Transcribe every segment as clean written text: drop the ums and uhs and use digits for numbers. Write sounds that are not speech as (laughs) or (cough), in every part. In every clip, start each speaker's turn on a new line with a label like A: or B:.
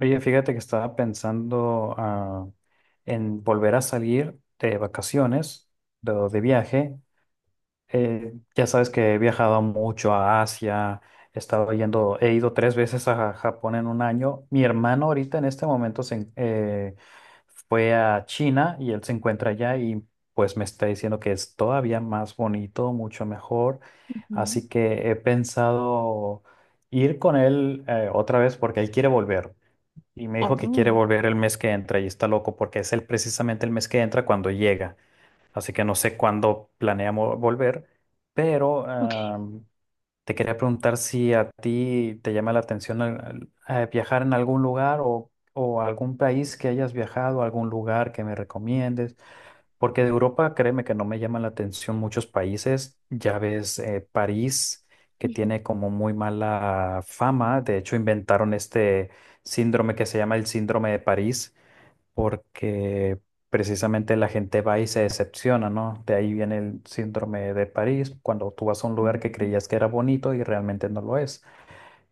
A: Oye, fíjate que estaba pensando en volver a salir de vacaciones, de viaje. Ya sabes que he viajado mucho a Asia, he estado yendo, he ido tres veces a Japón en un año. Mi hermano ahorita en este momento fue a China y él se encuentra allá y pues me está diciendo que es todavía más bonito, mucho mejor.
B: Ujú.
A: Así que he pensado ir con él otra vez porque él quiere volver. Y me dijo que
B: Oh,
A: quiere volver el mes que entra y está loco porque precisamente el mes que entra cuando llega. Así que no sé cuándo planeamos volver, pero
B: ok.
A: te quería preguntar si a ti te llama la atención viajar en algún lugar o algún país que hayas viajado, algún lugar que me recomiendes. Porque de Europa, créeme que no me llaman la atención muchos países. Ya ves, París, que
B: Ujú,
A: tiene como muy mala fama. De hecho, inventaron este síndrome que se llama el síndrome de París, porque precisamente la gente va y se decepciona, ¿no? De ahí viene el síndrome de París, cuando tú vas a un lugar que
B: ujú,
A: creías que era bonito y realmente no lo es.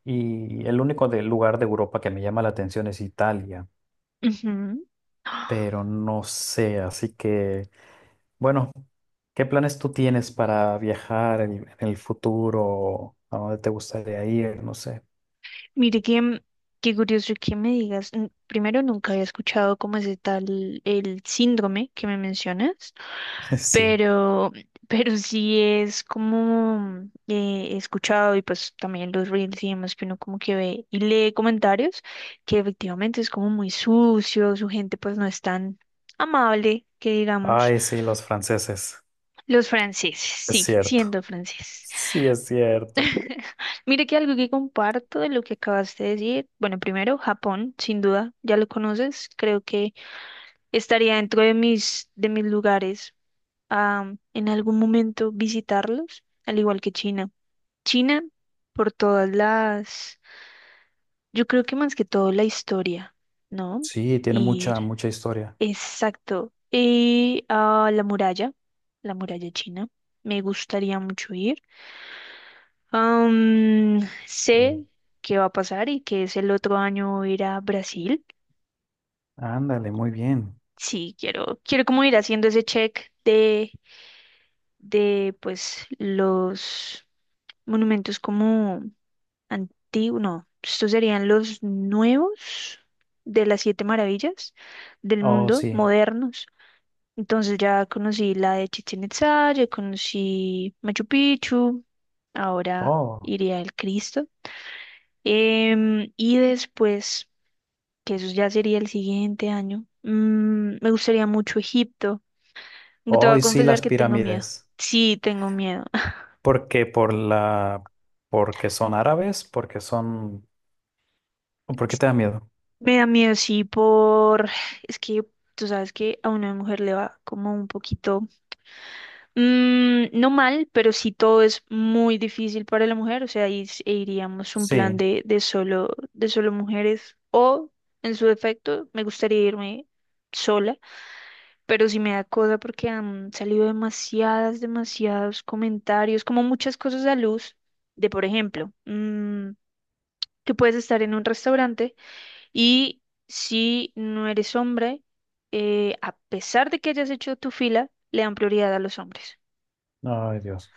A: Y el único lugar de Europa que me llama la atención es Italia,
B: ujú. Ah,
A: pero no sé, así que. Bueno, ¿qué planes tú tienes para viajar en el futuro? ¿A dónde te gustaría ir? No sé.
B: mire que, qué curioso que me digas. N- Primero, nunca había escuchado cómo es tal el síndrome que me mencionas,
A: (laughs) Sí.
B: pero, pero sí es como he escuchado y pues también los reels y demás que uno como que ve y lee comentarios que efectivamente es como muy sucio, su gente pues no es tan amable, que digamos.
A: Ay, sí, los franceses.
B: Los franceses,
A: Es
B: sí,
A: cierto.
B: siendo franceses.
A: Sí, es cierto.
B: (laughs) Mire que algo que comparto de lo que acabaste de decir, bueno, primero Japón, sin duda, ya lo conoces, creo que estaría dentro de de mis lugares a en algún momento visitarlos, al igual que China. China, por todas yo creo que más que todo la historia, ¿no?
A: Sí, tiene
B: Ir,
A: mucha, mucha historia.
B: exacto, y a la muralla china, me gustaría mucho ir. Am, sé
A: Sí.
B: qué va a pasar y que es el otro año ir a Brasil.
A: Ándale, muy bien.
B: Sí, quiero como ir haciendo ese check de pues los monumentos como antiguos, no, estos serían los nuevos de las siete maravillas del
A: Oh,
B: mundo,
A: sí.
B: modernos. Entonces ya conocí la de Chichén Itzá, ya conocí Machu Picchu, ahora
A: Oh,
B: iría al Cristo. Em, y después que eso ya sería el siguiente año. Mm, me gustaría mucho Egipto. Te voy
A: oh,
B: a
A: y sí,
B: confesar
A: las
B: que tengo miedo.
A: pirámides.
B: Sí, tengo miedo. (laughs)
A: ¿Por qué? Porque son árabes, o ¿por qué te da miedo?
B: Me da miedo, sí, por... Es que tú sabes que a una mujer le va como un poquito... no mal, pero sí todo es muy difícil para la mujer. O sea, ahí s- e iríamos un plan
A: Sí.
B: de de solo mujeres. O, en su defecto, me gustaría irme sola pero sí me da cosa porque han salido demasiadas, demasiados comentarios, como muchas cosas a luz, de por ejemplo, mm, que puedes estar en un restaurante y si no eres hombre, a pesar de que hayas hecho tu fila, le dan prioridad a los hombres
A: Ay, Dios.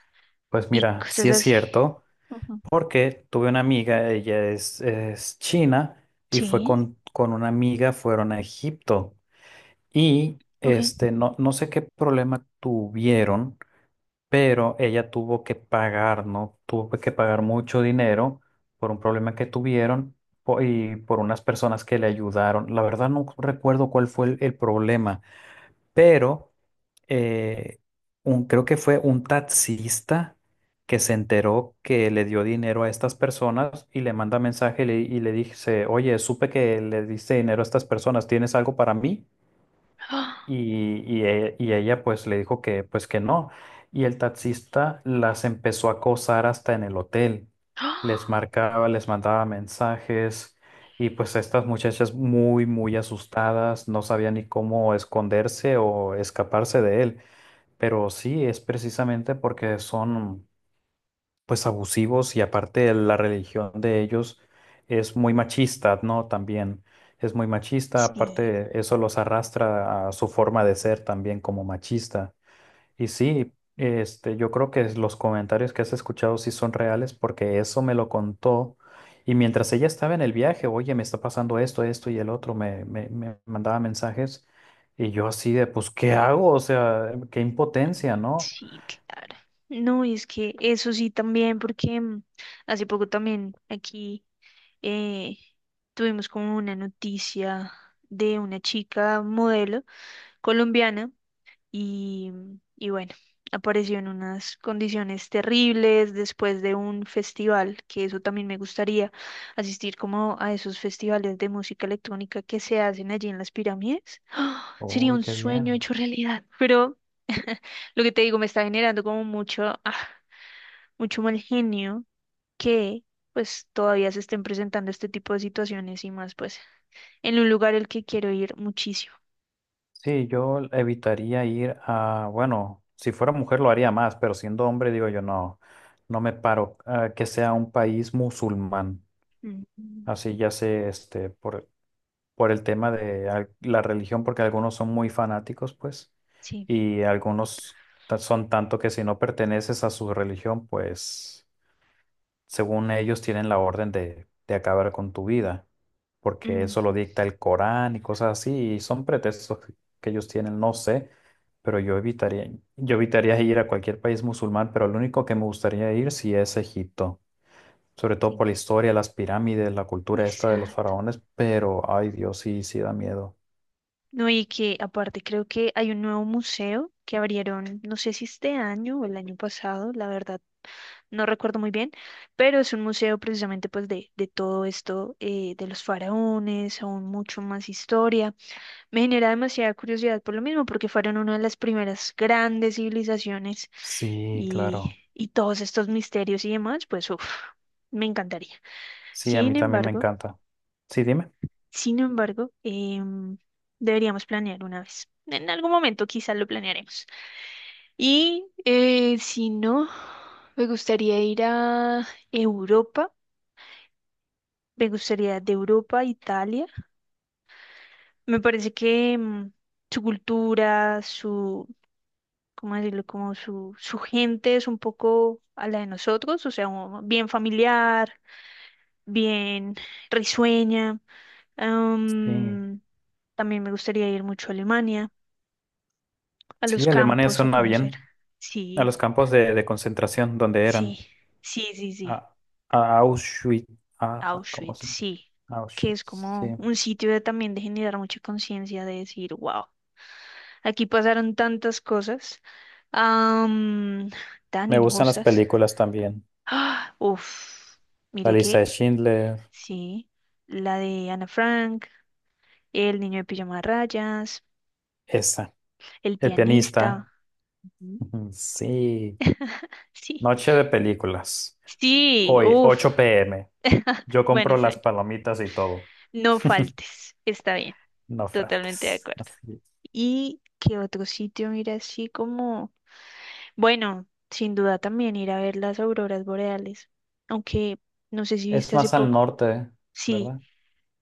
A: Pues
B: y
A: mira, sí
B: cosas
A: es
B: así.
A: cierto.
B: Ujú.
A: Porque tuve una amiga, ella es china, y fue
B: Sí,
A: con una amiga, fueron a Egipto. Y
B: ok.
A: este, no, no sé qué problema tuvieron, pero ella tuvo que pagar, ¿no? Tuvo que pagar mucho dinero por un problema que tuvieron y por unas personas que le ayudaron. La verdad no recuerdo cuál fue el problema, pero eh, creo que fue un taxista que se enteró que le dio dinero a estas personas y le manda mensaje y le dice, oye, supe que le diste dinero a estas personas, ¿tienes algo para mí?
B: (gasps) ¡Ah!
A: Y ella pues le dijo que pues que no. Y el taxista las empezó a acosar hasta en el hotel. Les
B: ¡Ah!
A: marcaba, les mandaba mensajes y pues estas muchachas muy, muy asustadas, no sabían ni cómo esconderse o escaparse de él. Pero sí, es precisamente porque son pues abusivos y aparte la religión de ellos es muy machista, ¿no? También es muy machista,
B: Sí,
A: aparte eso los arrastra a su forma de ser también como machista. Y sí, este, yo creo que los comentarios que has escuchado sí son reales porque eso me lo contó. Y mientras ella estaba en el viaje, oye, me está pasando esto, esto y el otro, me mandaba mensajes y yo así de, pues, ¿qué hago? O sea, qué impotencia, ¿no?
B: sí, claro. No, y es que eso sí también, porque hace poco también aquí eh, tuvimos como una noticia de una chica modelo colombiana y, y bueno, apareció en unas condiciones terribles después de un festival, que eso también me gustaría asistir como a esos festivales de música electrónica que se hacen allí en las pirámides. ¡Ah! Sería
A: Uy,
B: un
A: qué
B: sueño
A: bien.
B: hecho realidad, pero (laughs) lo que te digo me está generando como mucho, ah, mucho mal genio que pues todavía se estén presentando este tipo de situaciones y más pues en un lugar al que quiero ir muchísimo.
A: Sí, yo evitaría ir a, bueno, si fuera mujer lo haría más, pero siendo hombre digo yo no, no me paro que sea un país musulmán,
B: Ujú,
A: así ya sé, este, por el tema de la religión, porque algunos son muy fanáticos, pues,
B: sí,
A: y algunos son tanto que si no perteneces a su religión, pues según ellos, tienen la orden de acabar con tu vida, porque eso lo
B: ujú,
A: dicta el Corán y cosas así, y son pretextos que ellos tienen, no sé, pero yo evitaría ir a cualquier país musulmán, pero lo único que me gustaría ir sí es Egipto, sobre todo
B: sí,
A: por la historia, las pirámides, la cultura esta de los
B: exacto.
A: faraones, pero ay Dios, sí, sí da miedo.
B: No, y que aparte creo que hay un nuevo museo que abrieron, no sé si este año o el año pasado, la verdad, no recuerdo muy bien, pero es un museo precisamente pues de todo esto, de los faraones, aún mucho más historia. Me genera demasiada curiosidad por lo mismo, porque fueron una de las primeras grandes civilizaciones
A: Sí, claro.
B: y todos estos misterios y demás, pues uf, me encantaría.
A: Sí, a mí
B: Sin
A: también me
B: embargo,
A: encanta. Sí, dime.
B: sin embargo, em, deberíamos planear una vez. En algún momento quizás lo planearemos. Y si no, me gustaría ir a Europa, me gustaría de Europa a Italia. Me parece que su cultura, ¿cómo decirlo? Como su gente es un poco a la de nosotros, o sea, un- bien familiar, bien risueña.
A: Sí.
B: Am, también me gustaría ir mucho a Alemania, a los
A: Sí, Alemania
B: campos, a
A: suena
B: conocer.
A: bien, a los
B: Sí,
A: campos de concentración donde
B: sí,
A: eran.
B: sí, sí,
A: A,
B: sí.
A: a Auschwitz. ¿Cómo
B: Auschwitz,
A: se llama?
B: sí. Que es
A: Auschwitz,
B: como
A: sí.
B: un sitio de, también de generar mucha conciencia, de decir, wow, aquí pasaron tantas cosas am, tan
A: Me gustan las
B: injustas.
A: películas también.
B: Ah, uf,
A: La
B: mire
A: lista
B: que
A: de Schindler,
B: sí, la de Ana Frank, El niño de pijama de rayas,
A: esa.
B: El
A: El pianista.
B: pianista, ujú.
A: Ujú, sí.
B: (laughs) Sí,
A: Noche de películas.
B: sí,
A: Hoy,
B: uf,
A: ocho p m. Yo
B: bueno,
A: compro
B: está
A: las
B: bien,
A: palomitas y todo.
B: no
A: (laughs)
B: faltes, está bien,
A: No
B: totalmente de
A: faltes.
B: acuerdo.
A: Así es.
B: ¿Y qué otro sitio, mira, así como, bueno, sin duda también ir a ver las auroras boreales, aunque no sé si
A: Es
B: viste hace
A: más al
B: poco,
A: norte,
B: sí.
A: ¿verdad?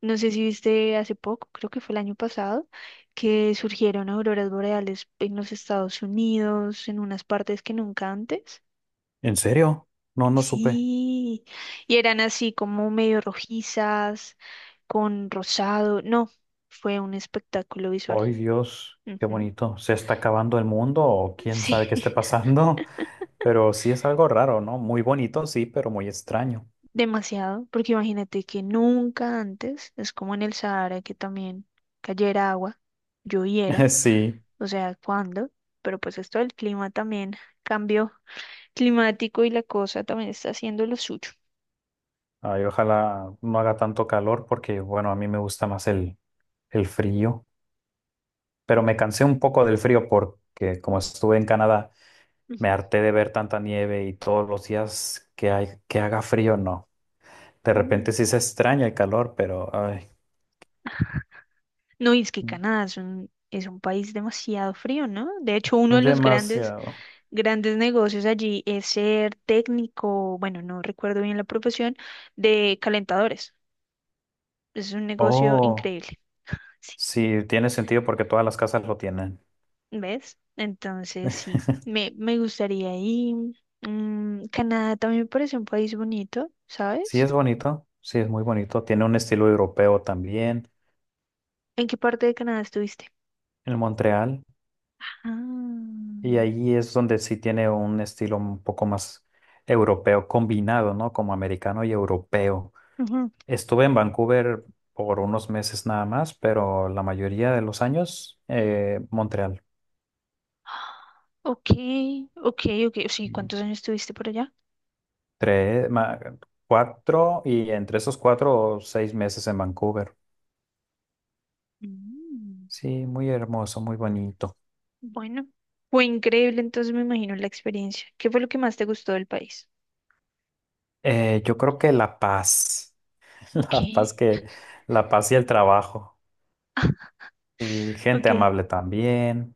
B: No sé si viste hace poco, creo que fue el año pasado, que surgieron auroras boreales en los Estados Unidos, en unas partes que nunca antes.
A: ¿En serio? No, no supe.
B: Sí, y eran así como medio rojizas, con rosado. No, fue un espectáculo visual.
A: Ay, Dios, qué
B: Ujú.
A: bonito. ¿Se está acabando el mundo o quién
B: Sí,
A: sabe qué esté
B: (laughs)
A: pasando? Pero sí es algo raro, ¿no? Muy bonito, sí, pero muy extraño.
B: demasiado, porque imagínate que nunca antes, es como en el Sahara que también cayera agua, lloviera,
A: (laughs) Sí.
B: o sea, ¿cuándo? Pero pues esto del clima también cambió climático y la cosa también está haciendo lo suyo.
A: Ay, ojalá no haga tanto calor porque, bueno, a mí me gusta más el frío. Pero me cansé un poco del frío porque como estuve en Canadá, me
B: Ujú.
A: harté de ver tanta nieve y todos los días que hay, que haga frío, no. De
B: Mm.
A: repente sí se extraña el calor, pero ay,
B: No, y es que Canadá es un país demasiado frío, ¿no? De hecho, uno de
A: es
B: los grandes,
A: demasiado.
B: grandes negocios allí es ser técnico, bueno, no recuerdo bien la profesión, de calentadores. Es un negocio
A: Oh,
B: increíble. Sí,
A: sí, tiene sentido porque todas las casas lo tienen.
B: ¿ves? Entonces, sí, me gustaría ir. Mm, Canadá también me parece un país bonito,
A: Sí
B: ¿sabes?
A: es bonito, sí es muy bonito. Tiene un estilo europeo también.
B: ¿En qué parte de Canadá estuviste?
A: En Montreal,
B: Ah,
A: y ahí es donde sí tiene un estilo un poco más europeo combinado, ¿no? Como americano y europeo.
B: ujú.
A: Estuve en Vancouver por unos meses nada más, pero la mayoría de los años, Montreal.
B: Ok, ok, ok. Sí, ¿cuántos años estuviste por allá?
A: Tres, cuatro, y entre esos cuatro, o seis meses en Vancouver.
B: Mm.
A: Sí, muy hermoso, muy bonito.
B: Bueno, fue increíble, entonces me imagino la experiencia. ¿Qué fue lo que más te gustó del país?
A: Yo creo que la paz, (laughs)
B: Ok,
A: la paz que, la paz y el trabajo. Y gente
B: ok.
A: amable también.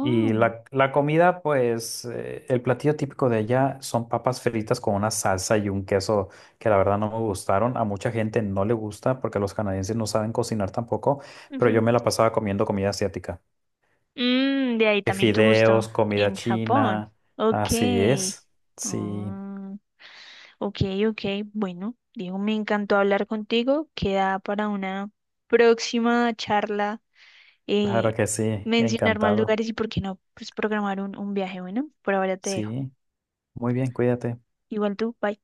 A: Y la comida, pues el platillo típico de allá son papas fritas con una salsa y un queso que la verdad no me gustaron. A mucha gente no le gusta porque los canadienses no saben cocinar tampoco, pero yo
B: ujú.
A: me la pasaba comiendo comida asiática.
B: Mm, de ahí también tu gusto
A: Fideos, comida
B: en Japón.
A: china,
B: Ok.
A: así es. Sí,
B: Ah, ok, ok. Bueno, Diego, me encantó hablar contigo. Queda para una próxima charla.
A: claro
B: Eh,
A: que sí,
B: mencionar más
A: encantado.
B: lugares y por qué no, pues programar un viaje. Bueno, por ahora te dejo.
A: Sí, muy bien, cuídate.
B: Igual tú, bye.